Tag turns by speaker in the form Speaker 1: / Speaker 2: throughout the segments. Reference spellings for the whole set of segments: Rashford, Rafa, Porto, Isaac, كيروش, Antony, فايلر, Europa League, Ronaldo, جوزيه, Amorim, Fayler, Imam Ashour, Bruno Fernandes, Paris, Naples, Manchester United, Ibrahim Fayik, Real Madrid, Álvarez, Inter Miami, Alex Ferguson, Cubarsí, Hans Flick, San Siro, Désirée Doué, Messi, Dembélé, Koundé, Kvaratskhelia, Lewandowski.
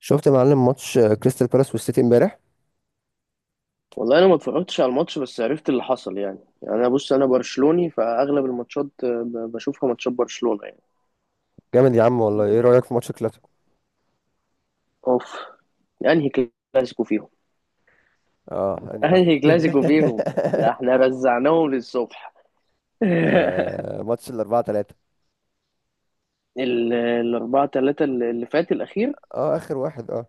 Speaker 1: شفت يا معلم ماتش كريستال بالاس والسيتي امبارح.
Speaker 2: والله انا ما اتفرجتش على الماتش بس عرفت اللي حصل يعني، انا بص انا برشلوني فاغلب الماتشات، بشوفها ماتشات برشلونة يعني.
Speaker 1: جامد يا عم والله. ايه رأيك في ماتش كلاسيكو؟
Speaker 2: اوف. انهي كلاسيكو فيهم؟
Speaker 1: اه انهي واحد؟
Speaker 2: انهي كلاسيكو فيهم؟ ده احنا رزعناهم للصبح.
Speaker 1: آه، ماتش الاربعة تلاتة.
Speaker 2: الأربعة تلاتة اللي فات الأخير.
Speaker 1: اه اخر واحد اه.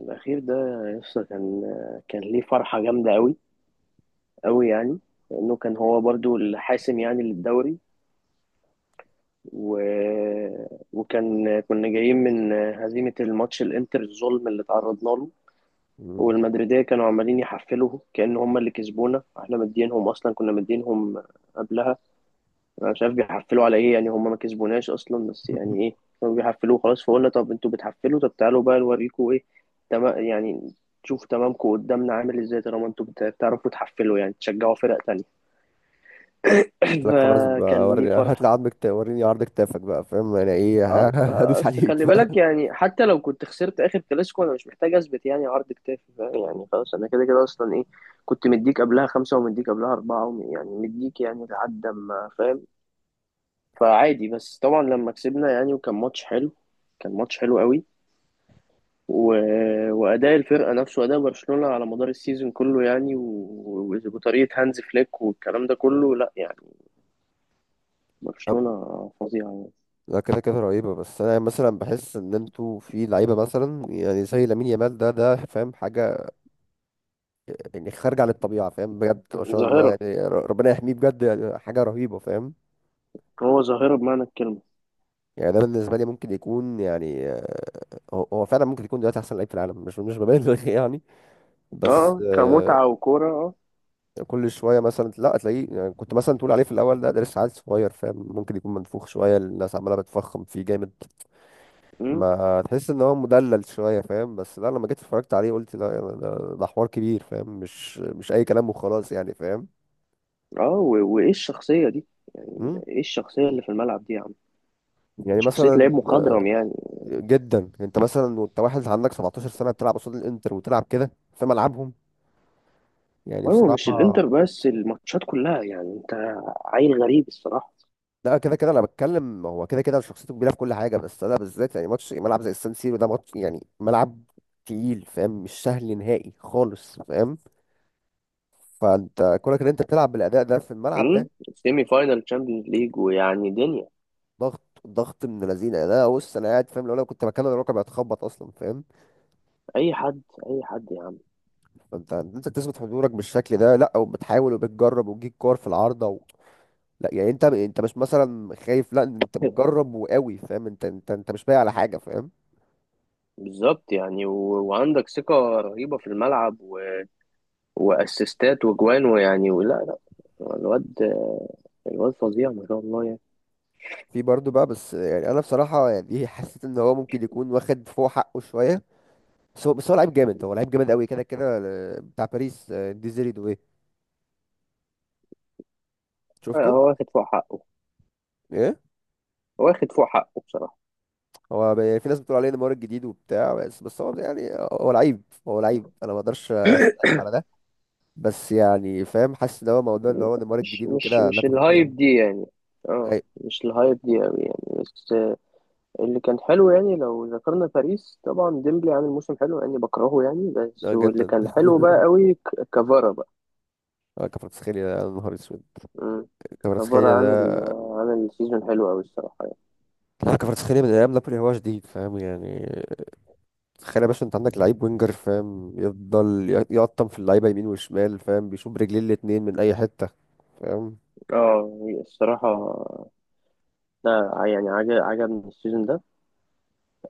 Speaker 2: الأخير ده، يسطا كان، كان ليه فرحة جامدة أوي، أوي يعني. لأنه كان هو برضو الحاسم يعني للدوري. و... وكان كنا جايين من هزيمة الماتش الإنتر، الظلم اللي تعرضنا له.
Speaker 1: مم.
Speaker 2: والمدريدية كانوا عمالين يحفلوا كأن هم اللي كسبونا، احنا مدينهم اصلا، كنا مدينهم قبلها. انا مش عارف بيحفلوا على ايه يعني، هم ما كسبوناش اصلا بس يعني ايه. كانوا بيحفلوا خلاص، فقلنا طب انتوا بتحفلوا، طب تعالوا بقى نوريكم ايه. تمام يعني. تشوف تمامكم قدامنا عامل ازاي طالما انتوا بتعرفوا تحفلوا يعني، تشجعوا فرق تانية.
Speaker 1: قال لك خلاص بقى
Speaker 2: فكان ليه
Speaker 1: وري هات لي
Speaker 2: فرحة.
Speaker 1: عظمك وريني عرض كتافك بقى، فاهم انا ايه؟
Speaker 2: اه،
Speaker 1: هدوس
Speaker 2: اصل
Speaker 1: عليك
Speaker 2: خلي بالك
Speaker 1: بقى.
Speaker 2: يعني، حتى لو كنت خسرت اخر كلاسيكو، انا مش محتاج اثبت يعني عرض كتافي، فاهم؟ يعني خلاص انا كده كده اصلا ايه. كنت مديك قبلها خمسة، ومديك قبلها أربعة، يعني مديك يعني لحد ما فاهم. فعادي، بس طبعا لما كسبنا يعني، وكان ماتش حلو. كان ماتش حلو قوي. و... وأداء الفرقة نفسه، أداء برشلونة على مدار السيزون كله يعني، وطريقة هانز فليك والكلام ده كله، لا يعني. برشلونة
Speaker 1: أم-
Speaker 2: فظيعة يعني.
Speaker 1: لا كده كده رهيبة، بس انا مثلا بحس ان انتوا في لعيبة مثلا يعني زي لامين يامال ده، فاهم حاجة يعني خارجة عن الطبيعة، فاهم؟ بجد ما شاء الله
Speaker 2: ظاهرة.
Speaker 1: يعني، ربنا يحميه بجد، يعني حاجة رهيبة، فاهم؟
Speaker 2: هو ظاهرة بمعنى الكلمة.
Speaker 1: يعني ده بالنسبه لي ممكن يكون يعني، هو فعلا ممكن يكون دلوقتي احسن لعيب في العالم، مش ببالغ يعني. بس
Speaker 2: اه، كمتعة وكورة اه.
Speaker 1: كل شويه مثلا لا تلاقيه، يعني كنت مثلا تقول عليه في الاول، ده لسه عيل صغير فاهم، ممكن يكون منفوخ شويه، الناس عماله بتفخم فيه جامد،
Speaker 2: مم.
Speaker 1: ما تحس ان هو مدلل شويه فاهم. بس لا لما جيت اتفرجت عليه قلت لا، ده حوار كبير فاهم، مش اي كلام وخلاص يعني فاهم.
Speaker 2: اه، وايه الشخصية دي؟ يعني
Speaker 1: مم؟
Speaker 2: ايه الشخصية اللي في الملعب دي يا عم؟
Speaker 1: يعني
Speaker 2: شخصية
Speaker 1: مثلا
Speaker 2: لعيب مخضرم يعني.
Speaker 1: جدا، انت مثلا وانت واحد عندك 17 سنة سنه بتلعب قصاد الانتر وتلعب كده في ملعبهم يعني
Speaker 2: ايوه، مش
Speaker 1: بصراحة.
Speaker 2: الانتر بس، الماتشات كلها يعني، انت. عيل غريب الصراحة.
Speaker 1: لا كده كده انا بتكلم، هو كده كده شخصيته كبيرة في كل حاجة، بس انا بالذات يعني ماتش ملعب زي السان سيرو، ده ماتش يعني ملعب تقيل فاهم، مش سهل نهائي خالص فاهم. فانت كونك ان انت تلعب بالاداء ده في الملعب ده،
Speaker 2: امم سيمي فاينال تشامبيونز ليج، ويعني دنيا.
Speaker 1: ضغط من الذين، ده بص انا قاعد فاهم لو انا كنت مكان الركب هتخبط اصلا فاهم.
Speaker 2: اي حد. اي حد يا عم.
Speaker 1: فانت تثبت حضورك بالشكل ده، لا وبتحاول وبتجرب وتجيب كور في العارضة و... لا يعني انت مش مثلا خايف، لا انت بتجرب وقوي فاهم، انت مش بايع على حاجة فاهم.
Speaker 2: بالظبط يعني، وعندك ثقة رهيبة في الملعب، واسيستات وجوان ويعني ولا لا. الواد، الواد فظيع ما شاء الله يعني.
Speaker 1: في برضه بقى، بس يعني انا بصراحه يعني حسيت ان هو ممكن يكون واخد فوق حقه شويه. بس هو لعيب جامد، هو لعيب جامد قوي كده كده. بتاع باريس، ديزيري دوي، شفته؟
Speaker 2: هو واخد فوق حقه.
Speaker 1: ايه،
Speaker 2: واخد فوق حقه بصراحة.
Speaker 1: يعني في ناس بتقول عليه نيمار الجديد وبتاع، بس هو يعني هو لعيب، هو لعيب انا ما اقدرش اختلف على ده. بس يعني فاهم حاسس ان هو موضوع ان هو نيمار
Speaker 2: مش
Speaker 1: الجديد
Speaker 2: مش
Speaker 1: وكده
Speaker 2: مش
Speaker 1: لفخ فيه
Speaker 2: الهايب
Speaker 1: قوي.
Speaker 2: دي يعني. اه،
Speaker 1: اي
Speaker 2: مش الهايب دي قوي يعني، بس. اللي كان حلو يعني لو ذكرنا باريس طبعا، ديمبلي عامل موسم حلو يعني، بكرهه يعني بس. واللي
Speaker 1: جدا.
Speaker 2: كان حلو بقى قوي كفارا بقى.
Speaker 1: كفرتسخيليا ده يا نهار اسود.
Speaker 2: مم. كفارا
Speaker 1: كفرتسخيليا
Speaker 2: عامل،
Speaker 1: ده،
Speaker 2: عامل سيزون حلو قوي الصراحة يعني.
Speaker 1: لا كفرتسخيليا من ايام نابولي هو جديد فاهم يعني. تخيل يا باشا انت عندك لعيب وينجر فاهم، يفضل يقطم في اللعيبه يمين وشمال فاهم، بيشوف برجلين الاتنين من اي حته فاهم.
Speaker 2: اه الصراحة. لا يعني عجبني السيزون ده.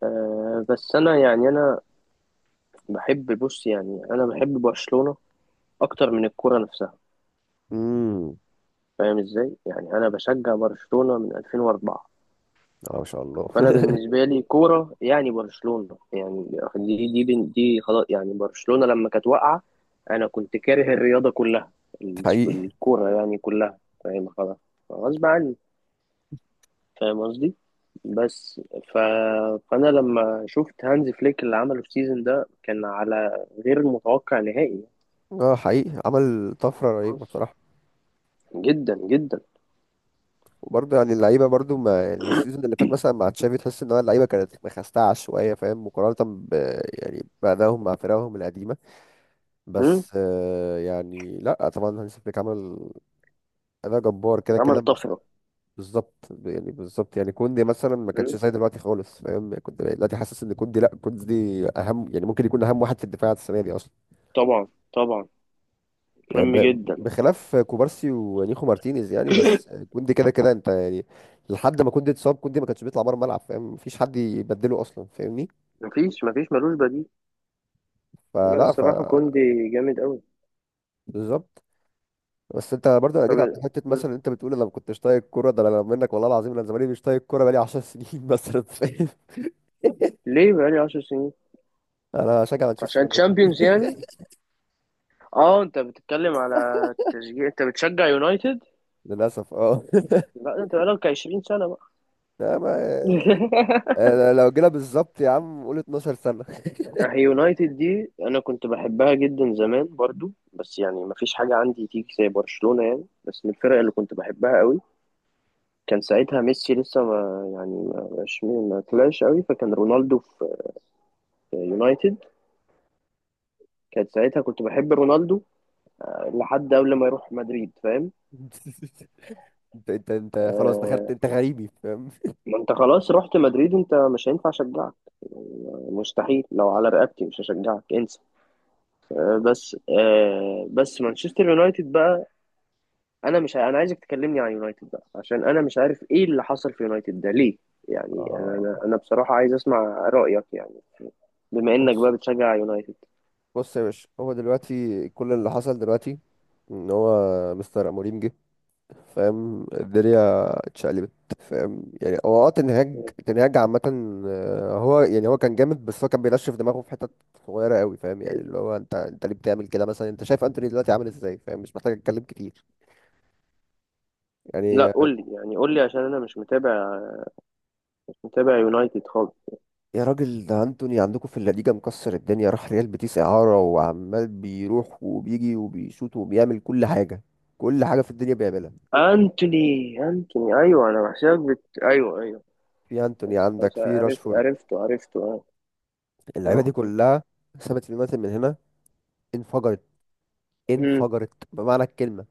Speaker 2: أه بس انا يعني انا بحب، بص يعني، انا بحب برشلونة اكتر من الكرة نفسها.
Speaker 1: امم،
Speaker 2: فاهم ازاي؟ يعني انا بشجع برشلونة من 2004.
Speaker 1: اه ما شاء الله.
Speaker 2: فانا بالنسبه لي كوره يعني برشلونه يعني. دي دي خلاص يعني، برشلونه لما كانت واقعه، انا كنت كاره الرياضه كلها،
Speaker 1: حقيقي.
Speaker 2: الكوره يعني كلها، فاهم؟ خلاص، غصب عني، فاهم قصدي؟ بس ف... فانا لما شفت هانز فليك اللي عمله في السيزون ده، كان على غير متوقع نهائي.
Speaker 1: اه حقيقي عمل طفره رهيبه بصراحه.
Speaker 2: جدا جدا.
Speaker 1: وبرضه يعني اللعيبه برضه ما يعني السيزون اللي فات مثلا مع تشافي تحس ان هو اللعيبه كانت مخستعه شويه فاهم، مقارنه ب يعني بأدائهم مع فرقهم القديمه.
Speaker 2: مم؟
Speaker 1: بس آه يعني لا طبعا هانسي فليك عمل اداء جبار كده
Speaker 2: عمل
Speaker 1: كده.
Speaker 2: طفره.
Speaker 1: بالظبط يعني. بالظبط يعني كوندي مثلا ما كانش
Speaker 2: مم؟
Speaker 1: زي دلوقتي خالص فاهم، يعني كنت دلوقتي حاسس ان كوندي، لا كوندي اهم، يعني ممكن يكون اهم واحد في الدفاع السنه دي اصلا.
Speaker 2: طبعا، طبعا.
Speaker 1: يعني
Speaker 2: مهم جدا.
Speaker 1: بخلاف كوبارسي ونيخو مارتينيز يعني، بس كوندي كده كده انت يعني. لحد ما كوندي اتصاب، كوندي ما كانش بيطلع بره الملعب فاهم، مفيش حد يبدله اصلا فاهمني.
Speaker 2: مفيش ملوش بديل. لا
Speaker 1: فلا ف
Speaker 2: الصراحه كوندي جامد قوي.
Speaker 1: بالظبط. بس انت برضه
Speaker 2: طب،
Speaker 1: جيت على حته
Speaker 2: م.
Speaker 1: مثلا، انت بتقول انا ما كنتش طايق الكوره، ده انا منك والله العظيم، انا زماني مش طايق الكوره بقالي 10 سنين مثلا فاهم.
Speaker 2: ليه بقالي 10 سنين؟
Speaker 1: انا شجع مانشستر
Speaker 2: عشان تشامبيونز يعني.
Speaker 1: يونايتد
Speaker 2: اه، انت بتتكلم على تشجيع، انت بتشجع يونايتد.
Speaker 1: للأسف اه.
Speaker 2: لا انت بقالك 20 سنة بقى.
Speaker 1: لا ما أنا لو جينا بالظبط يا عم قول 12 سنة.
Speaker 2: هي يونايتد دي انا كنت بحبها جدا زمان برضو، بس يعني ما فيش حاجة عندي تيجي زي برشلونة يعني، بس من الفرق اللي كنت بحبها قوي. كان ساعتها ميسي لسه ما يعني، ما طلعش قوي، فكان رونالدو في، في يونايتد. كانت ساعتها كنت بحب رونالدو لحد قبل ما يروح مدريد فاهم.
Speaker 1: انت خلاص دخلت
Speaker 2: آه،
Speaker 1: انت غريبي فاهم.
Speaker 2: ما انت خلاص رحت مدريد، انت مش هينفع اشجعك. مستحيل، لو على رقبتي مش هشجعك، انسى. بس مانشستر يونايتد بقى، انا مش انا عايزك تكلمني عن يونايتد بقى عشان انا مش عارف ايه اللي حصل في يونايتد ده ليه. يعني انا
Speaker 1: اه،
Speaker 2: انا أنا بصراحة عايز اسمع رأيك يعني، بما انك
Speaker 1: بص.
Speaker 2: بقى بتشجع يونايتد.
Speaker 1: بص يا باشا، هو دلوقتي كل اللي حصل دلوقتي ان هو مستر اموريم جه، فاهم الدنيا اتشقلبت فاهم. يعني هو اه تنهاج عامة هو يعني هو كان جامد، بس هو كان بينشف دماغه في حتت صغيرة قوي فاهم، يعني اللي هو انت ليه بتعمل كده مثلا؟ انت شايف انتوني دلوقتي عامل ازاي فاهم، مش محتاج اتكلم كتير
Speaker 2: لا
Speaker 1: يعني.
Speaker 2: قول لي يعني، قول لي عشان انا مش متابع، مش متابع يونايتد خالص.
Speaker 1: يا راجل ده انتوني عندكم في الليجا مكسر الدنيا، راح ريال بيتيس اعاره وعمال بيروح وبيجي وبيشوط وبيعمل كل حاجه، كل حاجه في الدنيا بيعملها.
Speaker 2: انتوني، انتوني ايوه، انا بحسابك ايوه، ايوه.
Speaker 1: في انتوني
Speaker 2: بس
Speaker 1: عندك،
Speaker 2: خلاص
Speaker 1: في
Speaker 2: عرفت،
Speaker 1: راشفورد،
Speaker 2: عرفته، عرفته.
Speaker 1: اللعيبه
Speaker 2: اه.
Speaker 1: دي كلها سابت اليونايتد من هنا، انفجرت،
Speaker 2: امم
Speaker 1: انفجرت بمعنى الكلمه،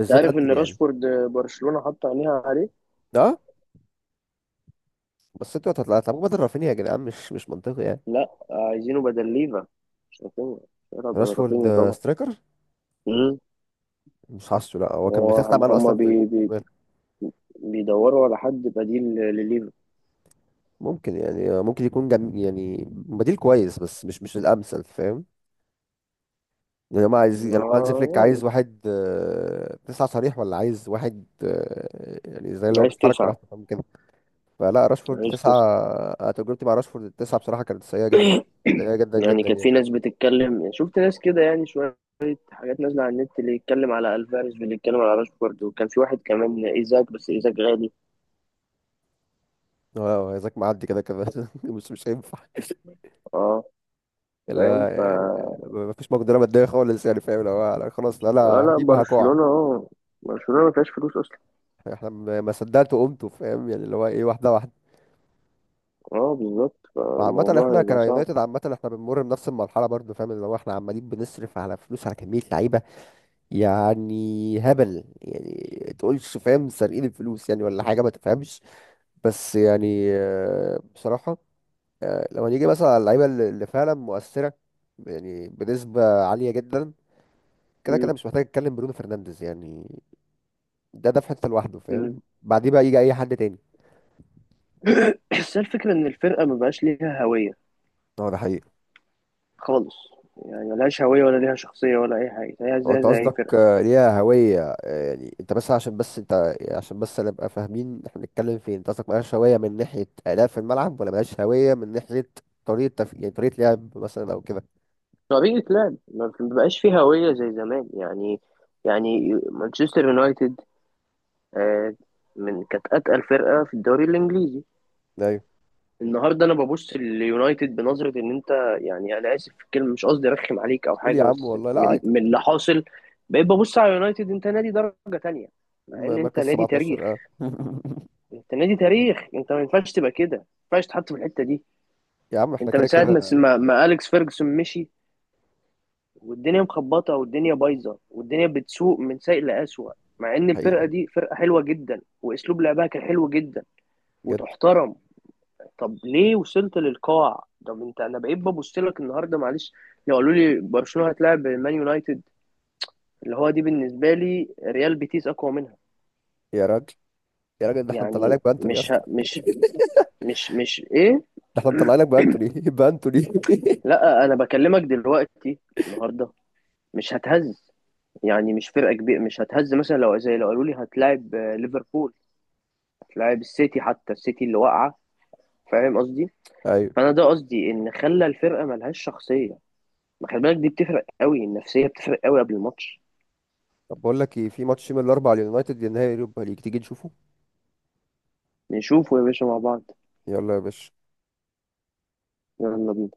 Speaker 2: انت عارف ان
Speaker 1: انتوني يعني.
Speaker 2: راشفورد برشلونة حط عينيها عليه؟
Speaker 1: اه بس انتوا هتطلعوا هتلعبوا بدل رافينيا يا جدعان، مش منطقي يعني.
Speaker 2: لا عايزينه بدل ليفا، مش رافينيا. شهرة بدل
Speaker 1: راشفورد
Speaker 2: رافينيا طبعا.
Speaker 1: سترايكر
Speaker 2: امم
Speaker 1: مش حاسه، لا هو كان
Speaker 2: هو-
Speaker 1: بيخاف معانا
Speaker 2: هما
Speaker 1: اصلا في.
Speaker 2: بي بي بيدوروا على حد بديل لليفا.
Speaker 1: ممكن يعني ممكن يكون يعني بديل كويس بس مش الامثل فاهم. يعني هم عايزين يعني هو هانز فليك عايز
Speaker 2: يعني
Speaker 1: واحد تسعة صريح، ولا عايز واحد يعني زي اللي هو
Speaker 2: عايز
Speaker 1: بيتحرك
Speaker 2: تسعة.
Speaker 1: براحته فاهم كده. فلا راشفورد
Speaker 2: عايز تسعة.
Speaker 1: تسعة، أنا تجربتي مع راشفورد التسعة بصراحة كانت سيئة جدا، سيئة جدا
Speaker 2: يعني
Speaker 1: جدا
Speaker 2: كانت
Speaker 1: يعني.
Speaker 2: في ناس بتتكلم، شفت ناس كده يعني، شوية حاجات نازلة على النت، اللي يتكلم على ألفاريز واللي يتكلم على راشفورد، وكان في واحد كمان إيزاك، بس إيزاك غالي.
Speaker 1: اه ذاك معدي كده كده مش هينفع.
Speaker 2: اه. فاهم،
Speaker 1: لا ما فيش مقدرة مادية خالص يعني فاهم، لو لا خلاص، لا انا
Speaker 2: اه لا
Speaker 1: هجيبه هكوع.
Speaker 2: برشلونة اه، برشلونة ما فيهاش فلوس أصلا.
Speaker 1: احنا ما صدقت وقمت فاهم، يعني اللي هو ايه واحدة واحدة.
Speaker 2: اه بالظبط،
Speaker 1: وعامة
Speaker 2: فالموضوع
Speaker 1: احنا
Speaker 2: هيبقى صعب.
Speaker 1: كيونايتد، عامة احنا بنمر بنفس المرحلة برضه فاهم، اللي هو احنا عمالين بنصرف على فلوس على كمية لعيبة يعني هبل، يعني تقولش فاهم سارقين الفلوس يعني، ولا حاجة ما تفهمش. بس يعني بصراحة، لو هنيجي مثلا على اللعيبة اللي فعلا مؤثرة يعني بنسبة عالية جدا، كده
Speaker 2: مم.
Speaker 1: كده مش محتاج اتكلم، برونو فرنانديز يعني ده في حتة لوحده
Speaker 2: مم.
Speaker 1: فاهم، بعديه بقى يجي اي حد تاني.
Speaker 2: بس هي الفكرة، إن الفرقة ما بقاش ليها هوية
Speaker 1: اه ده حقيقي.
Speaker 2: خالص. يعني ملهاش هوية، ولا ليها شخصية، ولا أي حاجة، هي زي
Speaker 1: انت
Speaker 2: زي أي
Speaker 1: قصدك
Speaker 2: فرقة.
Speaker 1: ليها هوية، يعني انت بس عشان، بس انت عشان بس نبقى فاهمين احنا بنتكلم فين، انت قصدك ملهاش هوية من ناحية أداء في الملعب ولا ملهاش هوية من ناحية يعني طريقة لعب مثلا او كده؟
Speaker 2: طريقة لعب ما بقاش فيه هوية زي زمان يعني. يعني مانشستر يونايتد، آه، من كانت أتقل فرقة في الدوري الإنجليزي.
Speaker 1: ايوه.
Speaker 2: النهارده انا ببص لليونايتد بنظره، ان انت، يعني انا اسف في الكلمه، مش قصدي ارخم عليك او
Speaker 1: قول يا
Speaker 2: حاجه،
Speaker 1: عم
Speaker 2: بس
Speaker 1: والله، لا عادي.
Speaker 2: من اللي حاصل، بقيت ببص على اليونايتد انت نادي درجه تانية، مع ان انت
Speaker 1: مركز
Speaker 2: نادي تاريخ.
Speaker 1: 17 اه.
Speaker 2: انت نادي تاريخ، انت ما ينفعش تبقى كده، ما ينفعش تتحط في الحته دي.
Speaker 1: يا عم احنا
Speaker 2: انت من
Speaker 1: كده
Speaker 2: ساعه
Speaker 1: كده.
Speaker 2: ما اليكس فيرجسون مشي، والدنيا مخبطه، والدنيا بايظه، والدنيا بتسوق من سيء لاسوء، مع ان الفرقه
Speaker 1: حقيقي،
Speaker 2: دي فرقه حلوه جدا، واسلوب لعبها كان حلو جدا
Speaker 1: بجد.
Speaker 2: وتحترم. طب ليه وصلت للقاع؟ طب انت، انا بقيت ببص لك النهارده معلش. لو قالوا لي برشلونه هتلاعب مان يونايتد، اللي هو دي بالنسبه لي ريال بيتيس اقوى منها
Speaker 1: يا راجل، ده احنا مطلع
Speaker 2: يعني.
Speaker 1: لك بانتوني يا
Speaker 2: مش ه...
Speaker 1: اسطى،
Speaker 2: مش مش مش ايه.
Speaker 1: ده احنا مطلع لك بانتوني بانتوني.
Speaker 2: لا انا بكلمك دلوقتي، النهارده. مش هتهز يعني، مش فرقه كبيره مش هتهز. مثلا لو زي، لو قالوا لي هتلاعب ليفربول، هتلاعب السيتي، حتى السيتي اللي واقعه، فاهم قصدي؟
Speaker 1: ايوه.
Speaker 2: فانا ده قصدي، ان خلى الفرقه ملهاش شخصيه. ما خلي بالك دي بتفرق قوي، النفسيه بتفرق قوي قبل الماتش.
Speaker 1: طب بقول لك ايه، في ماتش من الاربع اليونايتد نهائي اليوروبا ليج، تيجي نشوفه؟
Speaker 2: نشوفه يا باشا مع بعض.
Speaker 1: يلا يا باشا.
Speaker 2: يلا بينا.